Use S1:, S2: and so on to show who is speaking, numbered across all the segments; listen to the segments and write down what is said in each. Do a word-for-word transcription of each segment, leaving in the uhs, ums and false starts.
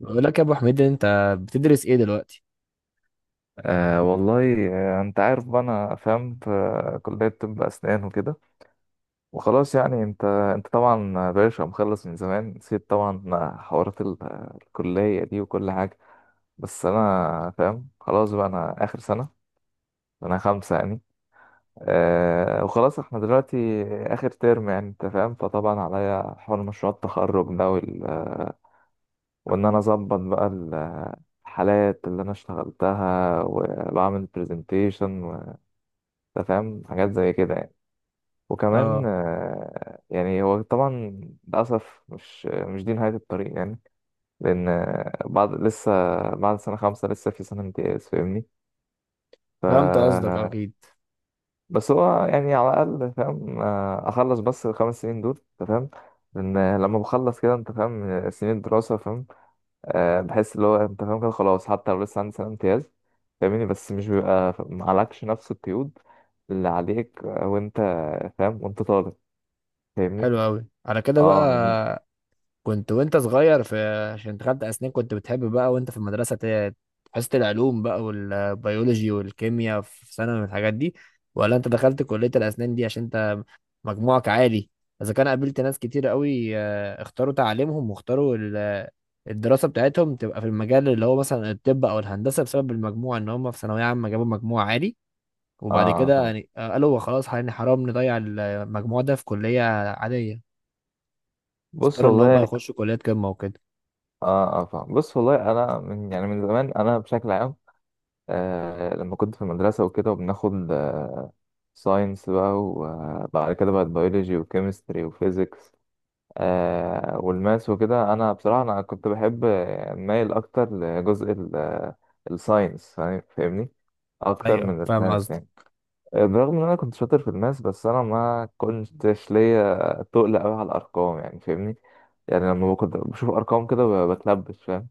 S1: بقول لك يا ابو حميد، انت بتدرس ايه دلوقتي؟
S2: أه والله آه، انت عارف بقى انا فاهم في كلية طب اسنان وكده وخلاص يعني انت انت طبعا باشا مخلص من زمان، نسيت طبعا حوارات ال- الكلية دي وكل حاجة. بس انا فاهم خلاص بقى انا اخر سنة، انا خمسة يعني. أه وخلاص احنا دلوقتي اخر ترم يعني انت فاهم. فطبعا عليا حوار مشروع التخرج ده وال... وان انا اظبط بقى ال- الحالات اللي انا اشتغلتها وبعمل برزنتيشن، انت فاهم حاجات زي كده يعني. وكمان
S1: اه،
S2: آه، يعني هو طبعا للأسف مش مش دي نهاية الطريق يعني، لأن آه، بعد لسه، بعد سنة خمسة لسه في سنة امتياز فاهمني. ف
S1: فهمت قصدك اكيد.
S2: بس هو يعني على الأقل فاهم، آه، أخلص بس الخمس سنين دول أنت فاهم. لأن لما بخلص كده أنت فاهم سنين الدراسة فاهم، آه، بحس اللي هو أنت فاهم كده خلاص، حتى لو لسه عندي سنة امتياز فاهمني، بس مش بيبقى معلكش نفس القيود اللي عليك وأنت فاهم وأنت طالب فاهمني.
S1: حلو قوي. على كده
S2: اه
S1: بقى كنت وانت صغير في، عشان دخلت اسنان كنت بتحب بقى وانت في المدرسه ت- حصه العلوم بقى والبيولوجي والكيمياء في ثانوي والحاجات دي، ولا انت دخلت كليه الاسنان دي عشان انت مجموعك عالي؟ اذا كان قابلت ناس كتير قوي، آه، اختاروا تعليمهم واختاروا ال- الدراسه بتاعتهم تبقى في المجال اللي هو مثلا الطب او الهندسه، بسبب المجموع ان هم في ثانويه عامه جابوا مجموع عالي، وبعد
S2: اه
S1: كده
S2: فاهم
S1: يعني آه، قالوا هو خلاص يعني حرام نضيع المجموع ده في كلية عادية،
S2: بص
S1: اختاروا ان هم
S2: والله.
S1: يخشوا كليات قمة وكده.
S2: اه اه فاهم بص والله، انا من يعني من زمان انا بشكل عام آه لما كنت في المدرسه وكده وبناخد آه ساينس بقى، وبعد كده بقى بيولوجي وكيمستري وفيزيكس آه والماس وكده، انا بصراحه انا كنت بحب، آه، مايل اكتر لجزء الساينس فاهمني، اكتر
S1: ايوه،
S2: من
S1: فاهم
S2: الماس
S1: قصدك.
S2: يعني. برغم ان انا كنت شاطر في الماس بس انا ما كنتش ليا تقل قوي على الارقام يعني فاهمني. يعني لما كنت بشوف ارقام كده ب- بتلبش فاهم.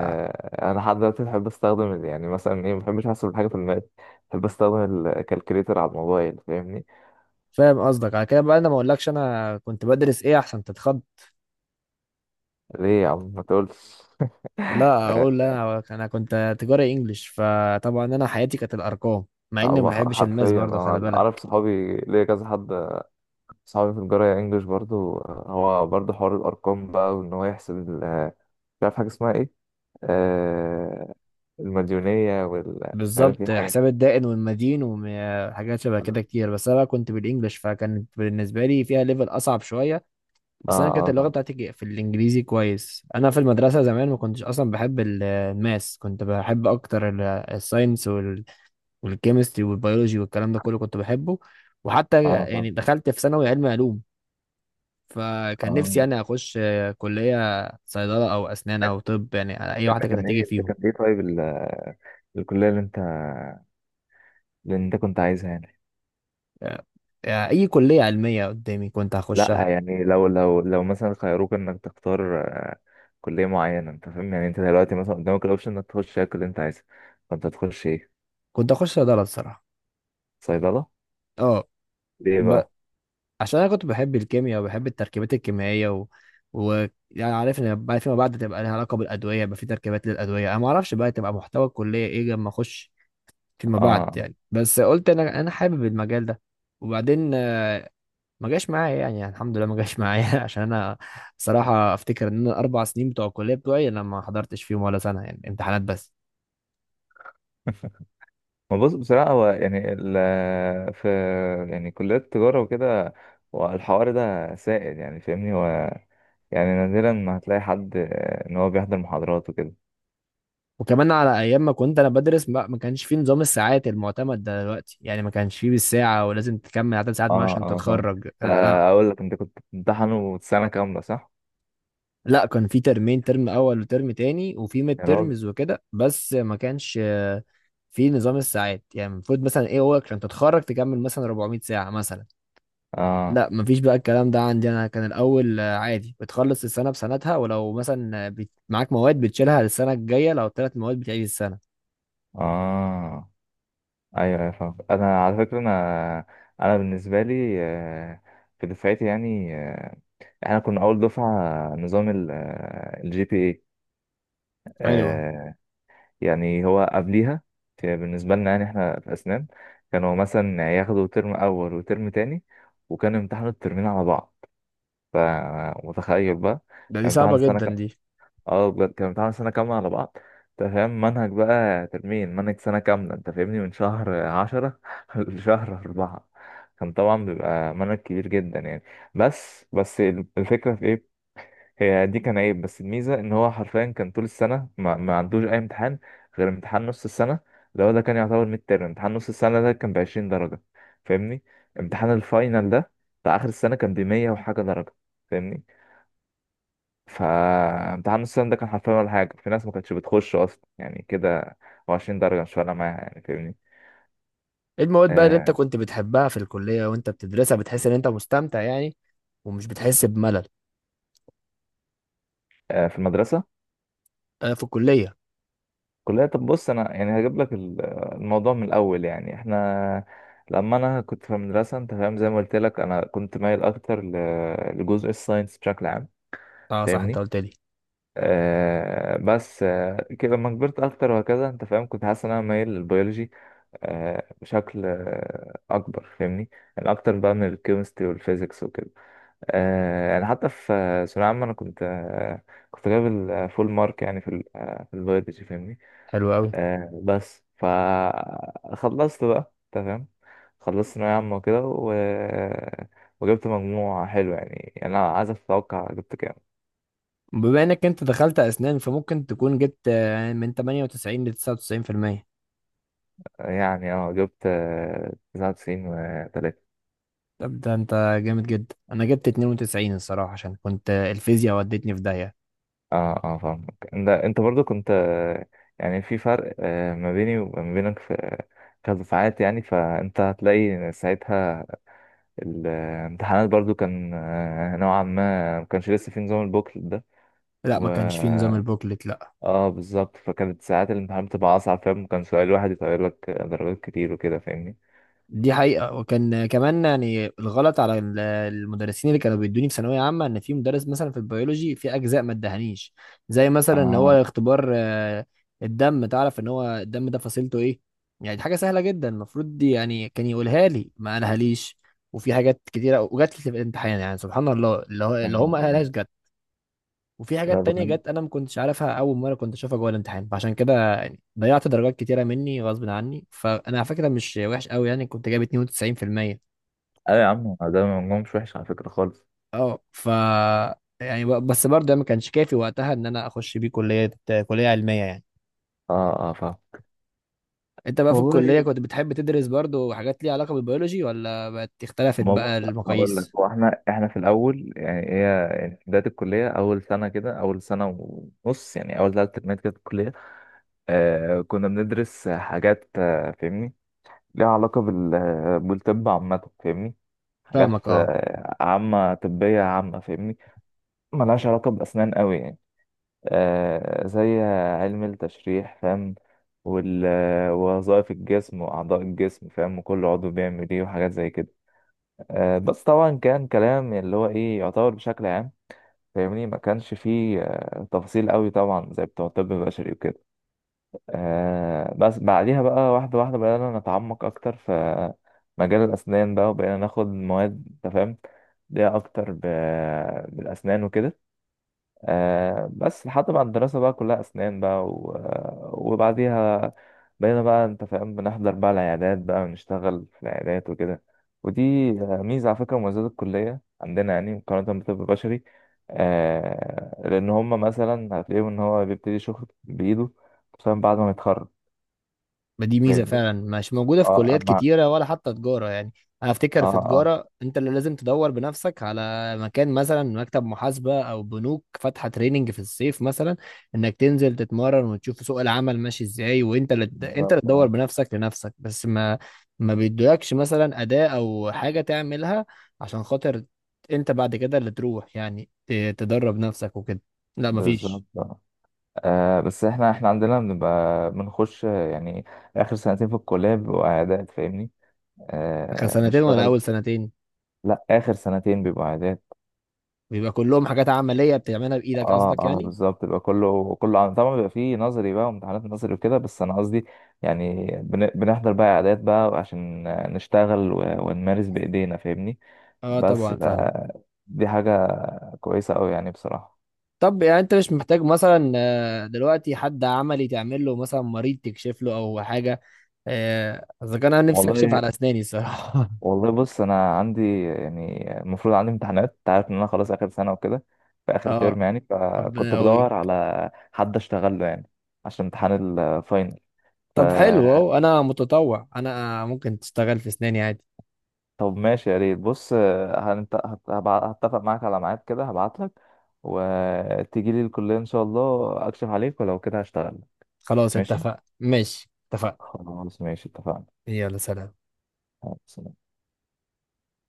S1: آه،
S2: انا لحد دلوقتي بحب استخدم ال- يعني مثلا ايه، ما بحبش احسب الحاجه في الماس، بحب استخدم الكالكوليتر على الموبايل فاهمني.
S1: فاهم قصدك. على كده بقى انا ما اقولكش انا كنت بدرس ايه عشان تتخض.
S2: ليه يا عم ما تقولش
S1: لا،
S2: آه
S1: اقول. لا، انا أنا كنت تجاري انجليش، فطبعا انا حياتي كانت الارقام، مع اني ما
S2: هو ح-
S1: بحبش الماس
S2: حرفيا
S1: برضه، خلي
S2: أنا اعرف
S1: بالك.
S2: صحابي ليا كذا حد، صحابي في الجرايه انجلش برضو، آه، هو برضو حوار الارقام بقى، وان هو يحسب ال- آه، مش عارف حاجه اسمها ايه، آه، المديونية وال مش عارف ايه
S1: بالظبط،
S2: الحاجات دي.
S1: حساب الدائن والمدين وحاجات شبه
S2: كلها.
S1: كده كتير، بس انا بقى كنت بالانجليش فكانت بالنسبه لي فيها ليفل اصعب شويه.
S2: اه
S1: بس انا كانت
S2: اه
S1: اللغه
S2: فاهم.
S1: بتاعتي ج- في الانجليزي كويس. انا في المدرسه زمان ما كنتش اصلا بحب ال- الماس، كنت بحب اكتر ال- الساينس وال- والكيمستري والبيولوجي والكلام ده كله كنت بحبه، وحتى
S2: اه فاهم.
S1: يعني دخلت في ثانوي علم علوم، فكان نفسي
S2: اه
S1: يعني اخش آه، كليه صيدله او اسنان او طب، يعني اي
S2: ده
S1: واحده كانت
S2: كان
S1: هتيجي
S2: ايه، ده
S1: فيهم.
S2: كان ايه طيب ال- الكلية اللي انت، اللي انت كنت عايزها يعني.
S1: آه، آه، اي كليه علميه قدامي كنت هخشها.
S2: لا يعني لو لو لو مثلا خيروك انك تختار آه، كلية معينة، انت فاهم يعني انت دلوقتي مثلا قدامك الاوبشن انك تخش ايه اللي انت عايزها، فانت هتخش ايه؟
S1: كنت هخش صيدله الصراحه.
S2: صيدلة
S1: اه،
S2: ليه بقى؟
S1: عشان انا كنت بحب الكيمياء وبحب التركيبات الكيميائية، و... و... يعني عارف ان بعد فيما بعد تبقى لها علاقة بالادوية، يبقى في تركيبات للادوية، انا ما اعرفش بقى تبقى محتوى الكلية ايه لما اخش فيما
S2: اه
S1: بعد
S2: آه.
S1: يعني، بس قلت انا انا حابب المجال ده. وبعدين آه، ما جاش معايا، يعني, يعني الحمد لله ما جاش معايا عشان انا صراحة افتكر ان انا الاربع سنين بتوع الكلية بتوعي انا ما حضرتش فيهم ولا سنة، يعني امتحانات بس.
S2: ما بص بصراحة هو يعني ال في يعني كليات التجارة وكده، والحوار ده سائد يعني فاهمني. هو يعني نادرا ما هتلاقي حد آه، ان هو بيحضر محاضرات وكده.
S1: وكمان على ايام ما كنت انا بدرس ما ما كانش فيه نظام الساعات المعتمد ده دلوقتي، يعني ما كانش فيه بالساعه ولازم تكمل عدد ساعات
S2: اه
S1: ما عشان
S2: اه فاهم.
S1: تتخرج. لا، لا.
S2: آه، اقول لك انت كنت بتمتحن سنة كاملة صح؟
S1: لا، كان في ترمين، ترم اول وترم تاني، وفي ميد
S2: يا راجل.
S1: ترمز وكده، بس ما كانش آه، في نظام الساعات، يعني المفروض مثلا ايه هو عشان تتخرج تكمل مثلا اربعمية ساعة مثلا.
S2: اه
S1: لا مفيش بقى الكلام ده عندي، انا كان الاول آه، عادي بتخلص السنة بسنتها، ولو مثلا آه، بت- معاك مواد بتشيلها للسنة الجاية، لو ثلاث مواد بتعيد السنة.
S2: اه. ايوه ايوه فاهم. انا على فكرة انا انا بالنسبة لي، آه، في دفعتي يعني، آه، احنا كنا اول دفعة نظام الجي بي اي.
S1: ايوه،
S2: يعني هو قبليها في- بالنسبة لنا يعني احنا في اسنان، كانوا مثلا ياخدوا ترم اول وترم تاني، وكانوا يمتحنوا الترمين على بعض. فمتخيل بقى،
S1: ده دي
S2: كان
S1: صعبة
S2: امتحان سنة
S1: جدا
S2: كام؟
S1: دي.
S2: اه بجد كان امتحان سنة كاملة على بعض، انت فاهم منهج بقى ترمين، منهج سنة كاملة انت فاهمني، من شهر عشرة لشهر أربعة. كان طبعا بيبقى منهج كبير جدا يعني. بس بس الفكرة في ايه، هي دي كان عيب، بس الميزة ان هو حرفيا كان طول السنة ما, ما عندوش أي امتحان غير امتحان نص السنة، اللي هو ده كان يعتبر ميد ترم. امتحان نص السنة ده كان بعشرين درجة فاهمني، امتحان الفاينل ده بتاع آخر السنة كان بمية وحاجة درجة فاهمني. فامتحان نص السنة ده كان حرفيا ولا حاجة، في ناس ما كانتش بتخش أصلا يعني كده، هو عشرين درجة مش فارقة معاها يعني فاهمني.
S1: ايه المواد بقى اللي انت
S2: آه.
S1: كنت بتحبها في الكلية وانت بتدرسها بتحس ان انت مستمتع يعني، ومش بتحس بملل؟
S2: آه في المدرسة.
S1: آه، في الكلية؟
S2: كلها طب. بص أنا يعني هجيب لك ال- الموضوع من الأول يعني. إحنا لما أنا كنت في المدرسة أنت فاهم، زي ما قلت لك أنا كنت مايل أكتر ل- لجزء الساينس بشكل عام
S1: اه صح، انت
S2: فاهمني.
S1: قلت لي.
S2: آه بس آه كده لما كبرت اكتر وهكذا انت فاهم كنت حاسس ان انا مايل للبيولوجي، آه بشكل آه اكبر فاهمني، يعني اكتر بقى من الكيمستري والفيزيكس وكده. آه يعني حتى في آه، ثانوية عامة انا كنت آه كنت جايب الفول مارك يعني في ال- آه في البيولوجي فاهمني.
S1: حلو قوي.
S2: آه بس فخلصت بقى انت فاهم، خلصت ثانوية عامة وكده و... وجبت مجموع حلو يعني. يعني انا عايز اتوقع جبت كام.
S1: بما انك انت دخلت اسنان، فممكن تكون جبت آه، من ثمانية وتسعين ل تسعة وتسعين في المية.
S2: يعني اه جبت، آه، تسعة وتسعين وتلاتة.
S1: طب ده انت جامد جدا. انا جبت اتنين وتسعين الصراحة، عشان كنت آه، الفيزياء ودتني في داهية.
S2: اه اه فاهمك. انت انت برضو كنت، آه، يعني في فرق آه، ما بيني وما بينك في كدفعات يعني، فانت هتلاقي ساعتها الامتحانات برضو كان آه، نوعا ما ما كانش لسه في نظام البوكلت ده.
S1: لا،
S2: و
S1: ما كانش فيه نظام البوكلت، لا.
S2: اه بالظبط، فكانت ساعات الامتحان بتبقى اصعب فاهم، كان سؤال واحد يطير لك درجات كتير وكده فاهمني.
S1: دي حقيقة. وكان كمان يعني الغلط على ال- المدرسين اللي كانوا بيدوني في ثانوية عامة، ان في مدرس مثلا في البيولوجي في اجزاء ما ادهنيش، زي مثلا ان هو
S2: اه
S1: اختبار آه، الدم، تعرف ان هو الدم ده فصيلته ايه، يعني دي حاجة سهلة جدا، المفروض دي يعني كان يقولها لي، ما قالها ليش. وفي حاجات كتيرة وجات لي في الامتحان، يعني سبحان الله، اللي هو-
S2: يا
S1: اللي هو
S2: نهار
S1: ما
S2: أبيض.
S1: قالهاش جت، وفي
S2: لا
S1: حاجات تانية
S2: بجد
S1: جت انا ما كنتش عارفها، اول مره كنت اشوفها جوه الامتحان، فعشان كده يعني ضيعت درجات كتيره مني غصب عني، فانا على فكره مش وحش قوي، يعني كنت جايب اتنين وتسعين بالمية.
S2: ايوه يا عم، ده مجموع مش وحش على فكرة خالص.
S1: اه، ف، يعني ب- بس برضه ده ما كانش كافي وقتها ان انا اخش بيه كليه، كليه علميه يعني.
S2: اه اه فاهم.
S1: انت بقى في الكليه
S2: والله
S1: كنت بتحب تدرس برضه حاجات ليها علاقه بالبيولوجي، ولا بقت اختلفت
S2: ما بص
S1: بقى
S2: هقول لك.
S1: المقاييس؟
S2: هو احنا احنا في الاول يعني، هي يعني في بدايه الكليه، اول سنه كده، اول سنه ونص يعني، اول ثلاث ترمات كده في الكليه، آه كنا بندرس حاجات، آه فاهمني، ليها علاقه بال آه، بالطب عامه فاهمني، حاجات
S1: فاهمك، اه.
S2: آه عامه طبيه عامه فاهمني، ملهاش علاقه باسنان قوي يعني. آه زي علم التشريح فاهم، وال- آه، ووظائف الجسم واعضاء الجسم فاهم، وكل عضو بيعمل ايه وحاجات زي كده. آه، بس طبعا كان كلام اللي هو ايه يعتبر بشكل عام فاهمني، ما كانش فيه آه، تفاصيل قوي طبعا زي بتوع الطب البشري وكده. آه، بس بعديها بقى واحدة واحدة بدأنا نتعمق أكتر في مجال الأسنان بقى، وبقينا ناخد مواد أنت فاهم ليها أكتر ب- بالأسنان وكده. آه بس لحد ما الدراسة بقى كلها أسنان بقى و... وبعديها بقينا بقى أنت فاهم بنحضر بقى العيادات بقى، ونشتغل في العيادات وكده. ودي آه، ميزة على فكرة، مميزات الكلية عندنا يعني مقارنة بالطب البشري، آه لأن هما مثلا هتلاقيهم إن هو بيبتدي شغل بإيده خصوصا بعد ما يتخرج.
S1: ما دي ميزه
S2: فاهمني؟
S1: فعلا مش موجوده في
S2: اه
S1: كليات
S2: أما.
S1: كتيره، ولا حتى تجاره يعني. انا
S2: اه
S1: افتكر في
S2: اه
S1: تجاره انت اللي لازم تدور بنفسك على مكان، مثلا مكتب محاسبه او بنوك فاتحه تريننج في الصيف مثلا، انك تنزل تتمرن وتشوف سوق العمل ماشي ازاي، وانت اللي، انت اللي
S2: بالظبط.
S1: تدور
S2: اه
S1: بنفسك لنفسك، بس ما ما بيدولكش مثلا اداه او حاجه تعملها عشان خاطر انت بعد كده اللي تروح، يعني ت- تدرب نفسك وكده، لا
S2: بالظبط
S1: مفيش.
S2: اه. آه، بس احنا احنا عندنا بنبقى بنخش آه، يعني آخر سنتين في الكلية بيبقوا عيادات فاهمني؟
S1: اخر
S2: آه
S1: سنتين ولا
S2: نشتغل.
S1: اول سنتين؟
S2: لا اخر سنتين بيبقوا عادات.
S1: بيبقى كلهم حاجات عملية بتعملها بإيدك
S2: اه
S1: قصدك
S2: اه
S1: يعني؟
S2: بالظبط، بيبقى كله كله عن، طبعا بيبقى فيه نظري بقى وامتحانات نظري وكده، بس انا قصدي يعني بن... بنحضر بقى عادات بقى عشان نشتغل و... ونمارس بايدينا فاهمني.
S1: اه،
S2: بس
S1: طبعا
S2: ف...
S1: فاهم.
S2: دي حاجة كويسة أوي يعني بصراحة.
S1: طب يعني انت مش محتاج مثلا آه، دلوقتي حد عملي تعمل له، مثلا مريض تكشف له او حاجة؟ آه، اذا كان انا نفسي اكشف
S2: والله
S1: على اسناني الصراحة
S2: والله بص أنا عندي، يعني المفروض عندي امتحانات أنت عارف إن أنا خلاص آخر سنة وكده، في آخر
S1: اه،
S2: ترم يعني،
S1: طب،
S2: فكنت
S1: أو...
S2: بدور على حد أشتغل له يعني عشان امتحان الفاينل. ف
S1: طب حلو اهو، انا متطوع، انا ممكن تشتغل في اسناني عادي.
S2: طب ماشي يا ريت. بص آه، هنت... هت... هبع- هتفق معاك على ميعاد كده، هبعت لك وتيجي لي الكلية إن شاء الله، أكشف عليك ولو كده هشتغل.
S1: خلاص،
S2: ماشي،
S1: اتفق، ماشي، اتفقنا.
S2: خلاص، ماشي اتفقنا.
S1: يلا، سلام.
S2: يلا، سلام.